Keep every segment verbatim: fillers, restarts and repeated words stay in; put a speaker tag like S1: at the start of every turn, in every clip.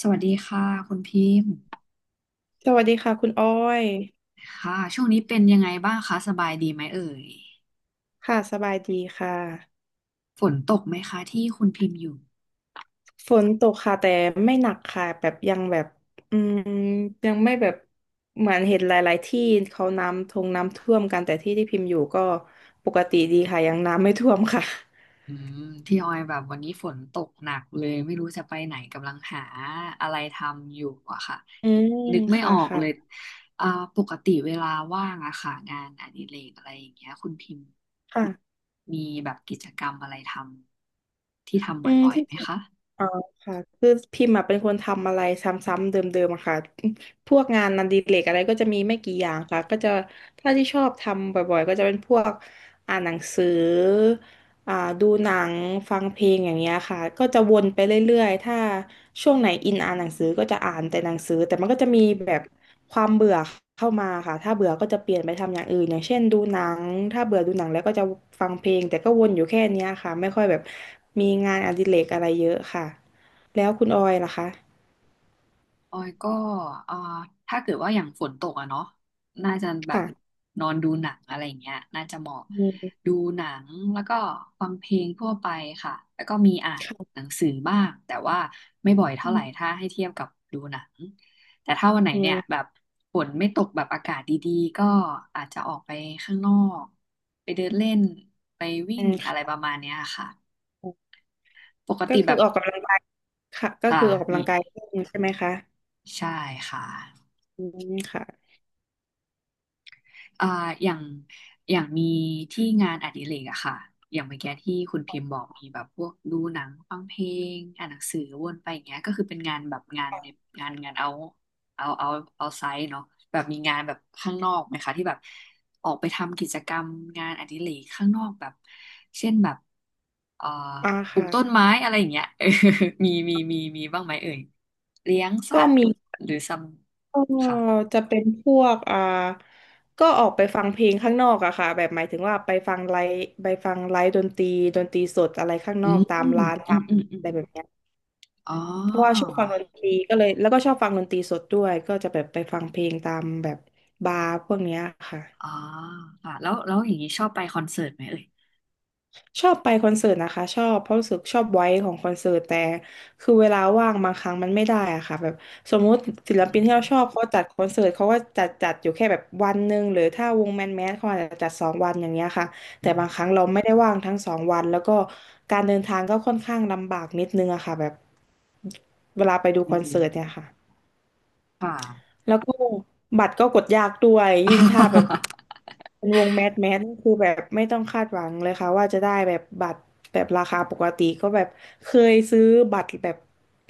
S1: สวัสดีค่ะคุณพิมพ์
S2: สวัสดีค่ะคุณอ้อย
S1: ค่ะช่วงนี้เป็นยังไงบ้างคะสบายดีไหมเอ่ย
S2: ค่ะสบายดีค่ะ
S1: ฝนตกไหมคะที่คุณพิมพ์อยู่
S2: ฝนตกค่ะแต่ไม่หนักค่ะแบบยังแบบอืมยังไม่แบบเหมือนเห็นหลายๆที่เขาน้ำทงน้ำท่วมกันแต่ที่ที่พิมพ์อยู่ก็ปกติดีค่ะยังน้ำไม่ท่วมค่ะ
S1: อืมที่ออยแบบวันนี้ฝนตกหนักเลยไม่รู้จะไปไหนกำลังหาอะไรทำอยู่อะค่ะ
S2: อืม
S1: นึกไม่อ
S2: ค่ะ
S1: อก
S2: ค่ะ
S1: เลยอ่าปกติเวลาว่างอะค่ะงานอดิเรกอะไรอย่างเงี้ยคุณพิมพ์
S2: ค่ะ
S1: มีแบบกิจกรรมอะไรทำที่ทำบ
S2: อืม
S1: ่อย
S2: ที่
S1: ๆไหมคะ
S2: อ๋อค่ะคือพิมพ์อะเป็นคนทำอะไรซ้ำๆเดิมๆอะค่ะพวกงานนันดีเลกอะไรก็จะมีไม่กี่อย่างค่ะก็จะถ้าที่ชอบทำบ่อยๆก็จะเป็นพวกอ่านหนังสือ อ่าดูหนังฟังเพลงอย่างเงี้ยค่ะก็จะวนไปเรื่อยๆถ้าช่วงไหนอินอ่านหนังสือก็จะอ่านแต่หนังสือแต่มันก็จะมีแบบความเบื่อเข้ามาค่ะถ้าเบื่อก็จะเปลี่ยนไปทำอย่างอื่นอย่างเช่นดูหนังถ้าเบื่อดูหนังแล้วก็จะฟังเพลงแต่ก็วนอยู่แค่เนี้ยค่ะไม่ค่อยแบบมีงานอดิเรกอะไรเยอะค่ะแล้วคุณออยล่ะคะ
S1: ออยก็เอ่อถ้าเกิดว่าอย่างฝนตกอะเนาะน่าจะแบบ
S2: ค่ะ
S1: นอนดูหนังอะไรอย่างเงี้ยน่าจะเหมาะ
S2: อืม
S1: ดูหนังแล้วก็ฟังเพลงทั่วไปค่ะแล้วก็มีอ่านห
S2: ค่ะ
S1: นังสือบ้างแต่ว่าไม่บ่อย
S2: อื
S1: เท่าไหร่ถ้า
S2: ม
S1: ให้เทียบกับดูหนังแต่ถ้าวันไหน
S2: อื
S1: เนี่ย
S2: ม
S1: แบบฝนไม่ตกแบบอากาศดีๆก็อาจจะออกไปข้างนอกไปเดินเล่นไปวิ่
S2: อื
S1: ง
S2: ม
S1: อะไร
S2: ค่ะ
S1: ประมาณเนี้ยค่ะ ปก
S2: ก็
S1: ติแบ
S2: คือ
S1: บ
S2: ออกกำลังกายค่ะก็
S1: ค่ะ
S2: คือออกกำ
S1: มี
S2: ลังกายเล่นใช่ไหมคะ
S1: ใช่ค่ะ
S2: อืมค่ะ
S1: อ่าอย่างอย่างมีที่งานอดิเรกอะค่ะอย่างเมื่อกี้ที่คุณพิมพ์บอกมีแบบพวกดูหนังฟังเพลงอ่านหนังสือวนไปอย่างเงี้ยก็คือเป็นงานแบบงานในงานงานเอาเอาเอาเอาไซต์เนาะแบบมีงานแบบข้างนอกไหมคะที่แบบออกไปทำกิจกรรมงานอดิเรกข้างนอกแบบเช่นแบบเอ่อ
S2: อ่า
S1: ปลูก
S2: ค่ะ
S1: ต้นไม้อะไรอย่างเงี้ย เออมีมีมีมีบ้างไหมเอ่ยเลี้ยงสั
S2: ก็
S1: ตว์
S2: มี
S1: หรือซัม
S2: ก็
S1: ค่ะ
S2: จะเป็นพวกอ่าก็ออกไปฟังเพลงข้างนอกอะค่ะแบบหมายถึงว่าไปฟังไลฟ์ไปฟังไลฟ์ดนตรีดนตรีสดอะไรข้างน
S1: อื
S2: อก
S1: ม
S2: ตา
S1: อื
S2: ม
S1: ม
S2: ร้าน
S1: อื
S2: ตา
S1: ม
S2: ม
S1: อื
S2: อะ
S1: ม
S2: ไรแบบเนี้ย
S1: อ๋อ
S2: เพราะว่าชอบฟังดนตรีก็เลยแล้วก็ชอบฟังดนตรีสดด้วยก็จะแบบไปฟังเพลงตามแบบบาร์พวกเนี้ยค่ะ
S1: อ๋อค่ะแล้วแล้วอย่างนี้ชอบไปคอนเสิร์ตไหมเอ่ย
S2: ชอบไปคอนเสิร์ตนะคะชอบเพราะรู้สึกชอบไว้ของคอนเสิร์ตแต่คือเวลาว่างบางครั้งมันไม่ได้อะค่ะแบบสมมุติศิล
S1: อื
S2: ปินที่เราชอบ
S1: ม
S2: เขาจัดคอนเสิร์ตเขาก็จัดจัดอยู่แค่แบบวันหนึ่งหรือถ้าวงแมนแมสเขาอาจจะจัดสองวันอย่างเงี้ยค่ะ
S1: อื
S2: แต่บา
S1: ม
S2: งครั้งเราไม่ได้ว่างทั้งสองวันแล้วก็การเดินทางก็ค่อนข้างลำบากนิดนึงอะค่ะแบบเวลาไปดู
S1: อื
S2: คอนเสิร์ตเนี่
S1: ม
S2: ยค่ะ
S1: ค่ะ
S2: แล้วก็บัตรก็กดยากด้วยยิ่งถ้าแบบ เป็นวงแมสแมสนี่คือแบบไม่ต้องคาดหวังเลยค่ะว่าจะได้แบบบัตรแบบราคาปกติก็แบบเคยซื้อบัตรแบบ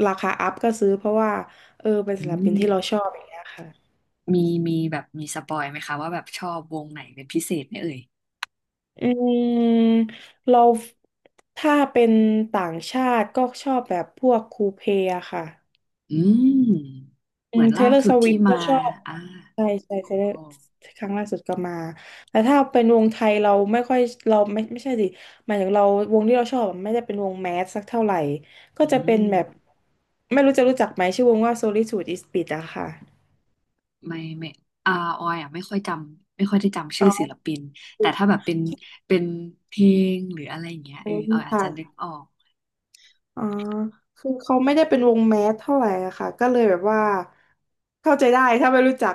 S2: ราคาอัพก็ซื้อเพราะว่าเออเป็น
S1: อื
S2: ศิลปิน
S1: ม
S2: ที่เราชอบอย่างเงี้ยค่ะ
S1: มีมีแบบมีสปอยไหมคะว่าแบบชอบวงไหนเป็นพิเศษไหมเอ่ย
S2: อืมเราถ้าเป็นต่างชาติก็ชอบแบบพวกคูเพอะค่ะ
S1: อืม
S2: อื
S1: เหมื
S2: ม
S1: อน
S2: เท
S1: ล่า
S2: เลอร์
S1: สุ
S2: ส
S1: ด
S2: วิ
S1: ที่
S2: ฟก็
S1: มา
S2: ชอบ
S1: อ่า
S2: ใช่ใช่
S1: โ
S2: เทเลอร์
S1: อ
S2: ครั้งล่าสุดก็มาแต่ถ้าเป็นวงไทยเราไม่ค่อยเราไม่ไม่ใช่สิหมายถึงเราวงที่เราชอบอะไม่ได้เป็นวงแมสสักเท่าไหร่ก็
S1: อื
S2: จะเป็น
S1: ม
S2: แบบไม่รู้จะรู้จักไหมชื่อวงว่า Solitude is b l i t อะค่ะ
S1: ไม่ไม่อาออยอ่ะไม่ค่อยจำไม่ค่อยได้จำชื่
S2: อ๋
S1: อ
S2: อ
S1: ศิลปินแต่ถ้าแบบเป็นเป็นเพลงหรืออะไรอย่างเงี้ย
S2: อื
S1: เออ
S2: ม
S1: ออยอาจจะนึก
S2: ค่ะ
S1: ออก
S2: อ่าคือเขาไม่ได้เป็นวงแมสเท่าไหร่อะค่ะ ก็เลยแบบว่าเข้าใจได้ถ้าไม่รู้จัก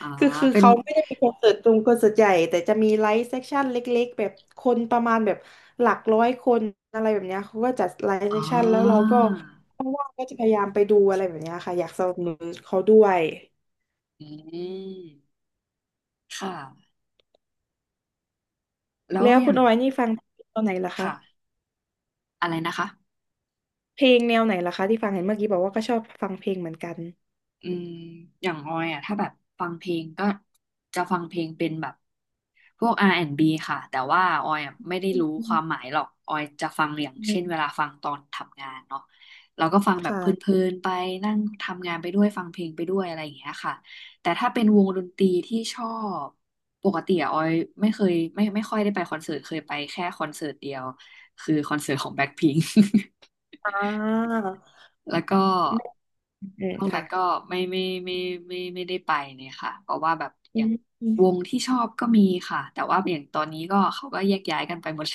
S1: อ๋อ
S2: คือคือ
S1: เป็น
S2: เขาไม่ได้มีคอนเสิร์ตตรงคอนเสิร์ตใหญ่แต่จะมีไลฟ์เซสชั่นเล็กๆแบบคนประมาณแบบหลักร้อยคนอะไรแบบเนี้ยเขาก็จัดไลฟ์เซ
S1: อ๋
S2: สชั่นแล้วเรา
S1: อ
S2: ก็ว่างๆก็จะพยายามไปดูอะไรแบบเนี้ยค่ะอยากสนับสนุนเขาด้วย
S1: อืมค่ะแล้ว
S2: แล้ว
S1: อ
S2: คุ
S1: ย่า
S2: ณ
S1: ง
S2: เอาไว้นี่ฟังตอนไหนล่ะคะ
S1: ค่ะ อะไรนะคะ
S2: เพลงแนวไหนล่ะคะที่ฟังเห็นเมื่อกี้บอกว่าก็ชอบฟังเพลงเหมือนกัน
S1: อืมอย่างออยอ่ะถ้าแบบฟังเพลงก็จะฟังเพลงเป็นแบบพวก อาร์ แอนด์ บี ค่ะแต่ว่าออยอ่ะไม่ได้
S2: อื
S1: รู้ความ
S2: ม
S1: หมายหรอกออยจะฟังอย่างเช่นเวลาฟังตอนทำงานเนาะเราก็ฟังแบบเพลิ
S2: ค่ะ
S1: นๆไปนั่งทำงานไปด้วยฟังเพลงไปด้วยอะไรอย่างเงี้ยค่ะแต่ถ้าเป็นวงดนตรีที่ชอบปกติอะออยไม่เคยไม่ไม่ค่อยได้ไปคอนเสิร์ตเคยไปแค่คอนเสิร์ตเดียวคือคอนเสิร์ตของแบ็คพิงค์
S2: อ่า
S1: แล้วก็
S2: อืม
S1: นอก
S2: ค่ะ
S1: นั้นก็ไม่ไม่ไม่ไม่ไม่ไม่ได้ไปเลยค่ะ เพราะว่าแบบอ
S2: อื
S1: ย่าง
S2: มอ
S1: ว
S2: ม
S1: งที่ชอบก็มีค่ะ แต่ว่าอย่างตอนนี้ก็เขาก็แยกย้ายกันไปหมด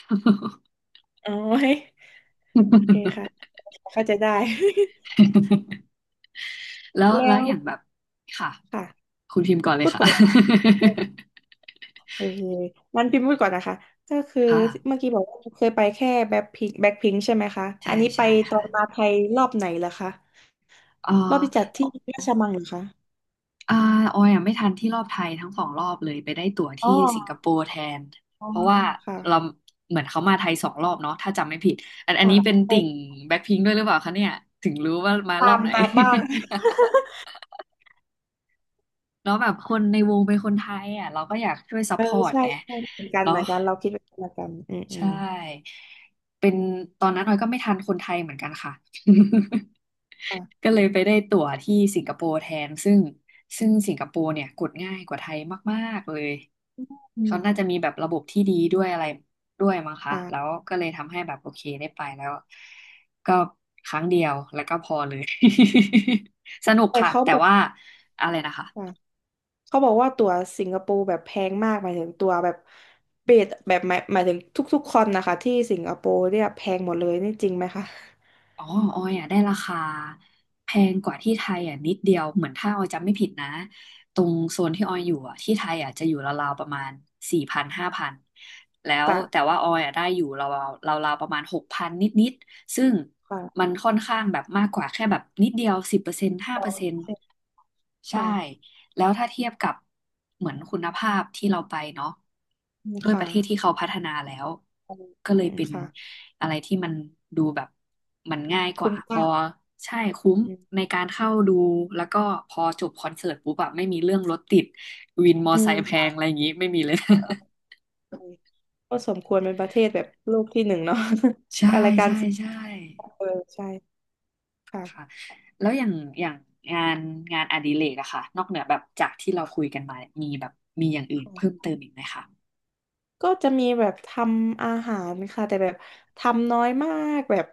S2: อ๋อโอเคค่ะเข้าใจได้
S1: แล้ว แล้วแล้
S2: แล้
S1: ว
S2: ว
S1: อย่างแบบค่ะ
S2: ค่ะ
S1: คุณพิมพ์ก่อนเล
S2: พู
S1: ย
S2: ดก่
S1: ค่ะ
S2: อนนะคะโอเคงั้นพิมพ์พูดก่อนนะคะก็คือ
S1: ค่ะ
S2: เมื่อกี้บอกว่าเคยไปแค่แบ็คพิงแบ็คพิงใช่ไหมคะอั
S1: ใช่
S2: นนี้ไป
S1: ใช่
S2: ตอ
S1: ค่ะ
S2: นมาไทยรอบไหนเหรอคะ
S1: เออ
S2: รอบที่จัดที่ราชมังเหรอคะ
S1: อ่าออยอ่ะไม่ทันที่รอบไทยทั้งสองรอบเลยไปได้ตั๋ว
S2: อ๋
S1: ที่สิงค
S2: อ
S1: โปร์แทน
S2: อ๋อ
S1: เพราะว่า
S2: ค่ะ
S1: เราเหมือนเขามาไทยสองรอบเนาะถ้าจำไม่ผิดอันอัน
S2: ค่ะ
S1: นี้เป็นติ่ง
S2: ไป
S1: แบ็คพิงค์ด้วยหรือเปล่าคะเนี่ยถึงรู้ว่ามารอ
S2: ตา
S1: บ
S2: ม
S1: ไหน
S2: ตามบ้าง
S1: แล้ว แบบคนในวงเป็นคนไทยอ่ะเราก็อยากช่วยซัพ
S2: เออ
S1: พอร์ต
S2: ใช่
S1: ไง
S2: ใช่เหมือนกัน
S1: เนาะ
S2: เหมือนกันเราคิดเหมือนกันอืมอื
S1: ใช่
S2: ม
S1: เป็นตอนนั้นออยก็ไม่ทันคนไทยเหมือนกันค่ะ ก็
S2: อ่ะ
S1: เลยไปได้ตั๋วที่สิงคโปร์แทนซึ่งซึ่งสิงคโปร์เนี่ยกดง่ายกว่าไทยมากๆเลย
S2: อื
S1: เขาน่า
S2: ม
S1: จะมีแบบระบบที่ดีด้วยอะไรด้วยมั้งคะแล้ว
S2: อ่า
S1: ก็เลยทำให้แบบโอเคได้ไปแล้วก็ครั้งเดียวแล้วก็พอเลย สนุก
S2: แต่
S1: ค่ะ
S2: เขา
S1: แต่
S2: บอก
S1: ว่าอะไรนะคะ
S2: ค่ะ เขาบอกว่าตั๋วสิงคโปร์แบบแพงมากหมายถึงตั๋วแบบเบสแบบหมายหมายถึงทุกๆคนนะคะที่สิงคโปร์เนี่ยแพงหมดเลยนี่จริงไหมคะ
S1: อ๋อออยอ่ะได้ราคาแพงกว่าที่ไทยอ่ะนิดเดียวเหมือนถ้าออยจำไม่ผิดนะตรงโซนที่ออยอยู่อ่ะที่ไทยอ่ะจะอยู่ราวๆประมาณสี่พันห้าพันแล้ว
S2: ป่ะ
S1: แต่ว่าออยอ่ะได้อยู่ราวๆราวๆประมาณหกพันนิดๆซึ่ง
S2: ค่ะ
S1: มันค่อนข้างแบบมากกว่าแค่แบบนิดเดียวสิบเปอร์เซ็นต์ห้าเปอร์เซ็นต์ใช่
S2: ค่ะ
S1: แล้วถ้าเทียบกับเหมือนคุณภาพที่เราไปเนาะ
S2: อืม
S1: ด้วยป
S2: ค่ะ
S1: ระเทศที่เขาพัฒนาแล้ว
S2: อื
S1: ก็เลย
S2: ม
S1: เป็น
S2: ค่ะ
S1: อะไรที่มันดูแบบมันง่ายก
S2: คุ้
S1: ว่า
S2: ม
S1: พ
S2: ค่า
S1: อใช่คุ้
S2: อื
S1: มใน
S2: ม
S1: การเข้าดูแล้วก็พอจบคอนเสิร์ตปุ๊บแบบไม่มีเรื่องรถติดวินมอ
S2: อื
S1: ไซ
S2: ม
S1: ค์แพงอะ
S2: ค่ะ
S1: ไรอย่างงี้ไม่มีเลย
S2: ก็สมควรเป็นประเทศแบบโลกที่หนึ่งเนาะ
S1: ใช่
S2: อะไรการ
S1: ใช่
S2: ศึกษ
S1: ใช่
S2: าเออใช่ค่
S1: แล้วอย่างอย่างงานงานอดิเรกอะค่ะนอกเหนือแบบจากที่เราคุยกันมามีแบบมีอย่างอื่นเพิ่ม
S2: ะ
S1: เติมอีกไหมคะ
S2: ก็จะมีแบบทำอาหารค่ะแต่แบบทำน้อยมากแบบ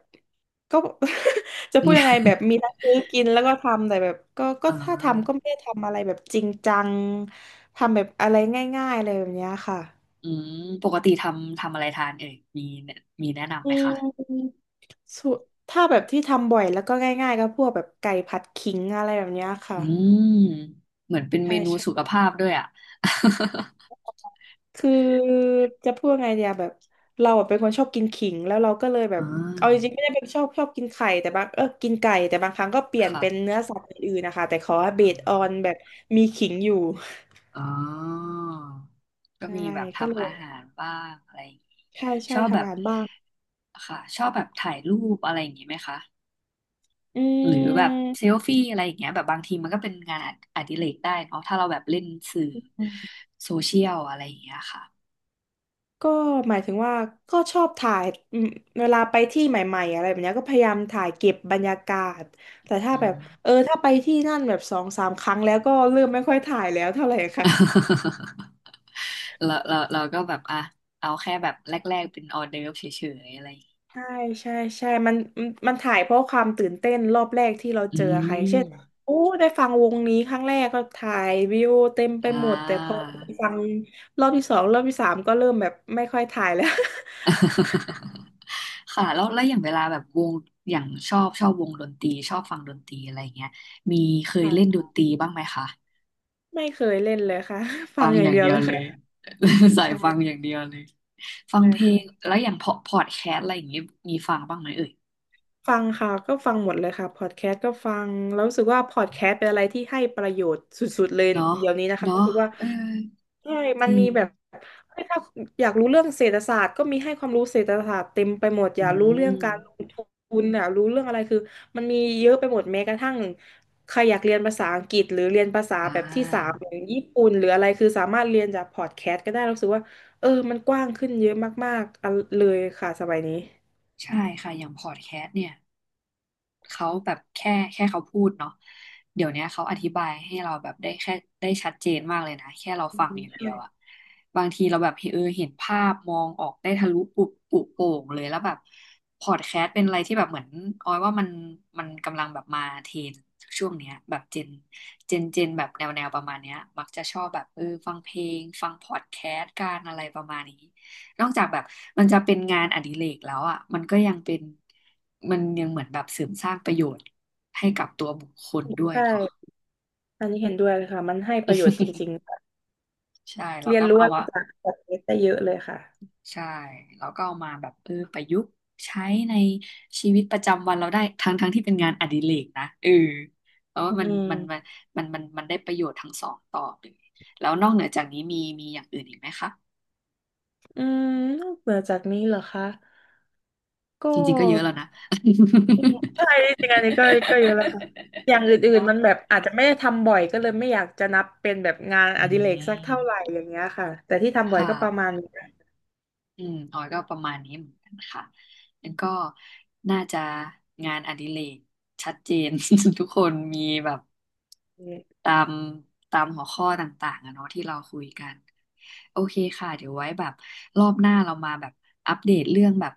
S2: ก็ จะพูดยังไงแบบมี ทั้งซื้อกินแล้วก็ทำแต่แบบก็ก็
S1: อ่า
S2: ถ้าทำก็ไม่ได้ทำอะไรแบบจริงจังทำแบบอะไรง่ายๆเลยแบบเนี้ยค่ะ
S1: อืมปกติทำทำอะไรทานเอ่ยมีมีแนะนำไห
S2: อื
S1: มคะ
S2: มสุถ้าแบบที่ทำบ่อยแล้วก็ง่ายๆก็พวกแบบไก่ผัดขิงอะไรแบบเนี้ยค่ะ
S1: อืมเหมือนเป็นเม
S2: ใช่
S1: นู
S2: ใช่
S1: สุขภาพด้วยอ่ะ
S2: คือจะพูดว่าไงเดียแบบเราอะเป็นคนชอบกินขิงแล้วเราก็เลยแบ บ
S1: อ่า
S2: เอาจริงๆไม่ได้เป็นชอบชอบกินไข่แต่บางเออกินไก่แต่บางครั้งก็เปลี่
S1: ค
S2: ยนเป็นเนื้
S1: ่ะ
S2: อสัตว์อื่นๆนะคะแต่ขอให้เบ
S1: อ๋อ
S2: สออนแบบมีขิงอยู่
S1: อ๋อก็
S2: ใช่
S1: มีแบบ
S2: ก็เล
S1: ทำ
S2: ย
S1: อาหารบ้างอะไรอย่างงี้
S2: ใช่
S1: ช
S2: ใช่
S1: อบแบ
S2: ทำอา
S1: บ
S2: หารบ้าง
S1: ค่ะชอบแบบถ่ายรูปอะไรอย่างงี้ไหมคะ
S2: อื
S1: หรือแบบเซล
S2: ม
S1: ฟี่อะไรอย่างเงี้ยแบบบางทีมันก็เป็นงานออดิเรกได้เนาะถ้าเราแบบเล่นสื่อโซเชียลอะไรอย่างเงี้ยค่ะ
S2: ก็หมายถึงว่าก็ชอบถ่ายอืมเวลาไปที่ใหม่ๆอะไรแบบเนี้ยก็พยายามถ่ายเก็บบรรยากาศแต่ถ้า
S1: อื
S2: แบ
S1: ม
S2: บเออถ้าไปที่นั่นแบบสองสามครั้งแล้วก็เริ่มไม่ค่อยถ่ายแล้วเท่าไหร่ค่ะ
S1: เราเราเราก็แบบอ่ะเอาแค่แบบแรกๆเป็นออเดิร์ฟเฉยๆอะไรอย่างงี้
S2: ใช่ใช่ใช่มันมันมันถ่ายเพราะความตื่นเต้นรอบแรกที่เราเจ
S1: อื
S2: อใครเช่น
S1: ม
S2: โอ้ได้ฟังวงนี้ครั้งแรกก็ถ่ายวิวเต็มไป
S1: อ่
S2: หมดแต่พอ
S1: า
S2: ฟังรอบที่สองรอบที่สามก็เริ่มแบบไม่ค่อยถ่ายแล้ว
S1: ค่ะแล้วแล้วอย่างเวลาแบบวงอย่างชอบชอบวงดนตรีชอบฟังดนตรีอะไรอย่างเงี้ยมีเค ยเล่น
S2: ค่ะ
S1: ดนตรีบ้างไหมคะ
S2: ไม่เคยเล่นเลยค่ะฟั
S1: ฟั
S2: ง
S1: ง
S2: อ
S1: อ
S2: ย่าง
S1: ย่าง
S2: เดีย
S1: เดี
S2: ว
S1: ย
S2: เล
S1: ว
S2: ย
S1: เลย
S2: ค่ะ
S1: สายฟัง
S2: ใช่
S1: อย่างเดียวเลยฟัง
S2: ใช่
S1: เพลง
S2: ค่ะ
S1: แล้วอย่างพอพอดแคสต์อะไรอย่างเงี้ยมีฟังบ้างไหมเอ่ย
S2: ฟังค่ะก็ฟังหมดเลยค่ะพอดแคสต์ก็ฟังแล้วรู้สึกว่าพอดแคสต์เป็นอะไรที่ให้ประโยชน์สุดๆเลย
S1: เนาะ
S2: เดี๋ยวนี้นะคะรู้
S1: เนาะ
S2: สึกว่า
S1: เออ
S2: ใช่
S1: จ
S2: มัน
S1: ริ
S2: มี
S1: ง
S2: แบบเฮ้ยถ้าอยากรู้เรื่องเศรษฐศาสตร์ก็มีให้ความรู้เศรษฐศาสตร์เต็มไปหมดอ
S1: อื
S2: ยากรู้เรื่อ
S1: ม
S2: งการลงทุนอยากรู้เรื่องอะไรคือมันมีเยอะไปหมดแม้กระทั่งใครอยากเรียนภาษาอังกฤษหรือเรียนภาษา
S1: อ่
S2: แบบที่สาม
S1: า
S2: อย่างญี่ปุ่นหรืออะไรคือสามารถเรียนจากพอดแคสต์ก็ได้รู้สึกว่าเออมันกว้างขึ้นเยอะมากๆอันเลยค่ะสมัยนี้
S1: ใช่ค่ะอย่างพอดแคสต์เนี่ยเขาแบบแค่แค่เขาพูดเนาะเดี๋ยวเนี้ยเขาอธิบายให้เราแบบได้แค่ได้ชัดเจนมากเลยนะแค่เรา
S2: อื
S1: ฟัง
S2: ม
S1: อย่างเดี
S2: ใช่
S1: ยวอะบางทีเราแบบเออเห็นภาพมองออกได้ทะลุปุบปุโป่งเลยแล้วแบบพอดแคสต์เป็นอะไรที่แบบเหมือนออยว่ามันมันกำลังแบบมาเทรนช่วงเนี้ยแบบเจนเจนเจนแบบแนวแนวประมาณเนี้ยมักจะชอบแบบเออฟังเพลงฟังพอดแคสต์การอะไรประมาณนี้ นอกจากแบบมันจะเป็นงานอดิเรกแล้วอ่ะมันก็ยังเป็นมันยังเหมือนแบบเสริมสร้างประโยชน์ให้กับตัวบุคคลด้วย
S2: ใช
S1: เนาะ
S2: ่อันนี้เห็นด้วยเลยค่ะ มันให้ประโยชน์จริงๆค่ะ
S1: ใช่เรา
S2: เรียน
S1: ก็
S2: รู้
S1: เอา
S2: อะไร
S1: มา
S2: จากพอดแคสต์ได้เยอะเลยค่ะ
S1: ใช่เราก็เอามาแบบเออประยุกต์ใช้ในชีวิตประจำวันเราได้ทั้งทั้งที่เป็นงานอดิเรกนะเออเพราะว่า
S2: อื
S1: มัน
S2: ม
S1: มันมันมันมันมันได้ประโยชน์ทั้งสองต่อเลยแล้วนอกเหนือจากนี้มีมีอย่างอื่นอีกไหมคะ
S2: อืมนอกเหนือจากนี้เหรอคะ ก็
S1: จริงๆก็เยอะแล้วนะ
S2: ใช่จริงๆอันนี้ก็ก็เยอะแล้วค่ะอย่าง อื่น
S1: เนาะ
S2: ๆมันแบบอาจจะไม่ได้ทำบ่อยก็เลยไม่อยากจะนับเป็นแบบงาน
S1: อื
S2: อดิเรกสักเท่าไหร่
S1: ม
S2: อย่างเงี้ยค่ะแต่ที่ทำบ่อย
S1: ค่ะ
S2: ก็ประมาณนี้ได้
S1: อืมออยก็ประมาณนี้เหมือนกันค่ะแล้วก็น่าจะงานอดิเรกชัดเจน ทุกคนมีแบบตามตามหัวข้อต่างๆอะเนาะที่เราคุยกันโอเคค่ะเดี๋ยวไว้แบบรอบหน้าเรามาแบบอัปเดตเรื่องแบบ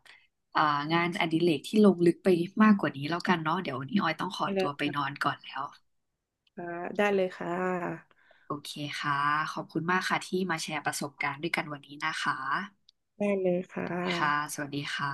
S1: อ่างานอดิเรกที่ลงลึกไปมากกว่านี้แล้วกันเนาะเดี๋ยววันนี้ออยต้องขอ
S2: เลยน
S1: ตัวไป
S2: ะ
S1: นอนก่อนแล้ว
S2: คะได้เลยค่ะ
S1: โอเคค่ะขอบคุณมากค่ะที่มาแชร์ประสบการณ์ด้วยกันวันนี้นะคะ
S2: ได้เลยค่ะ
S1: ค่ะสวัสดีค่ะ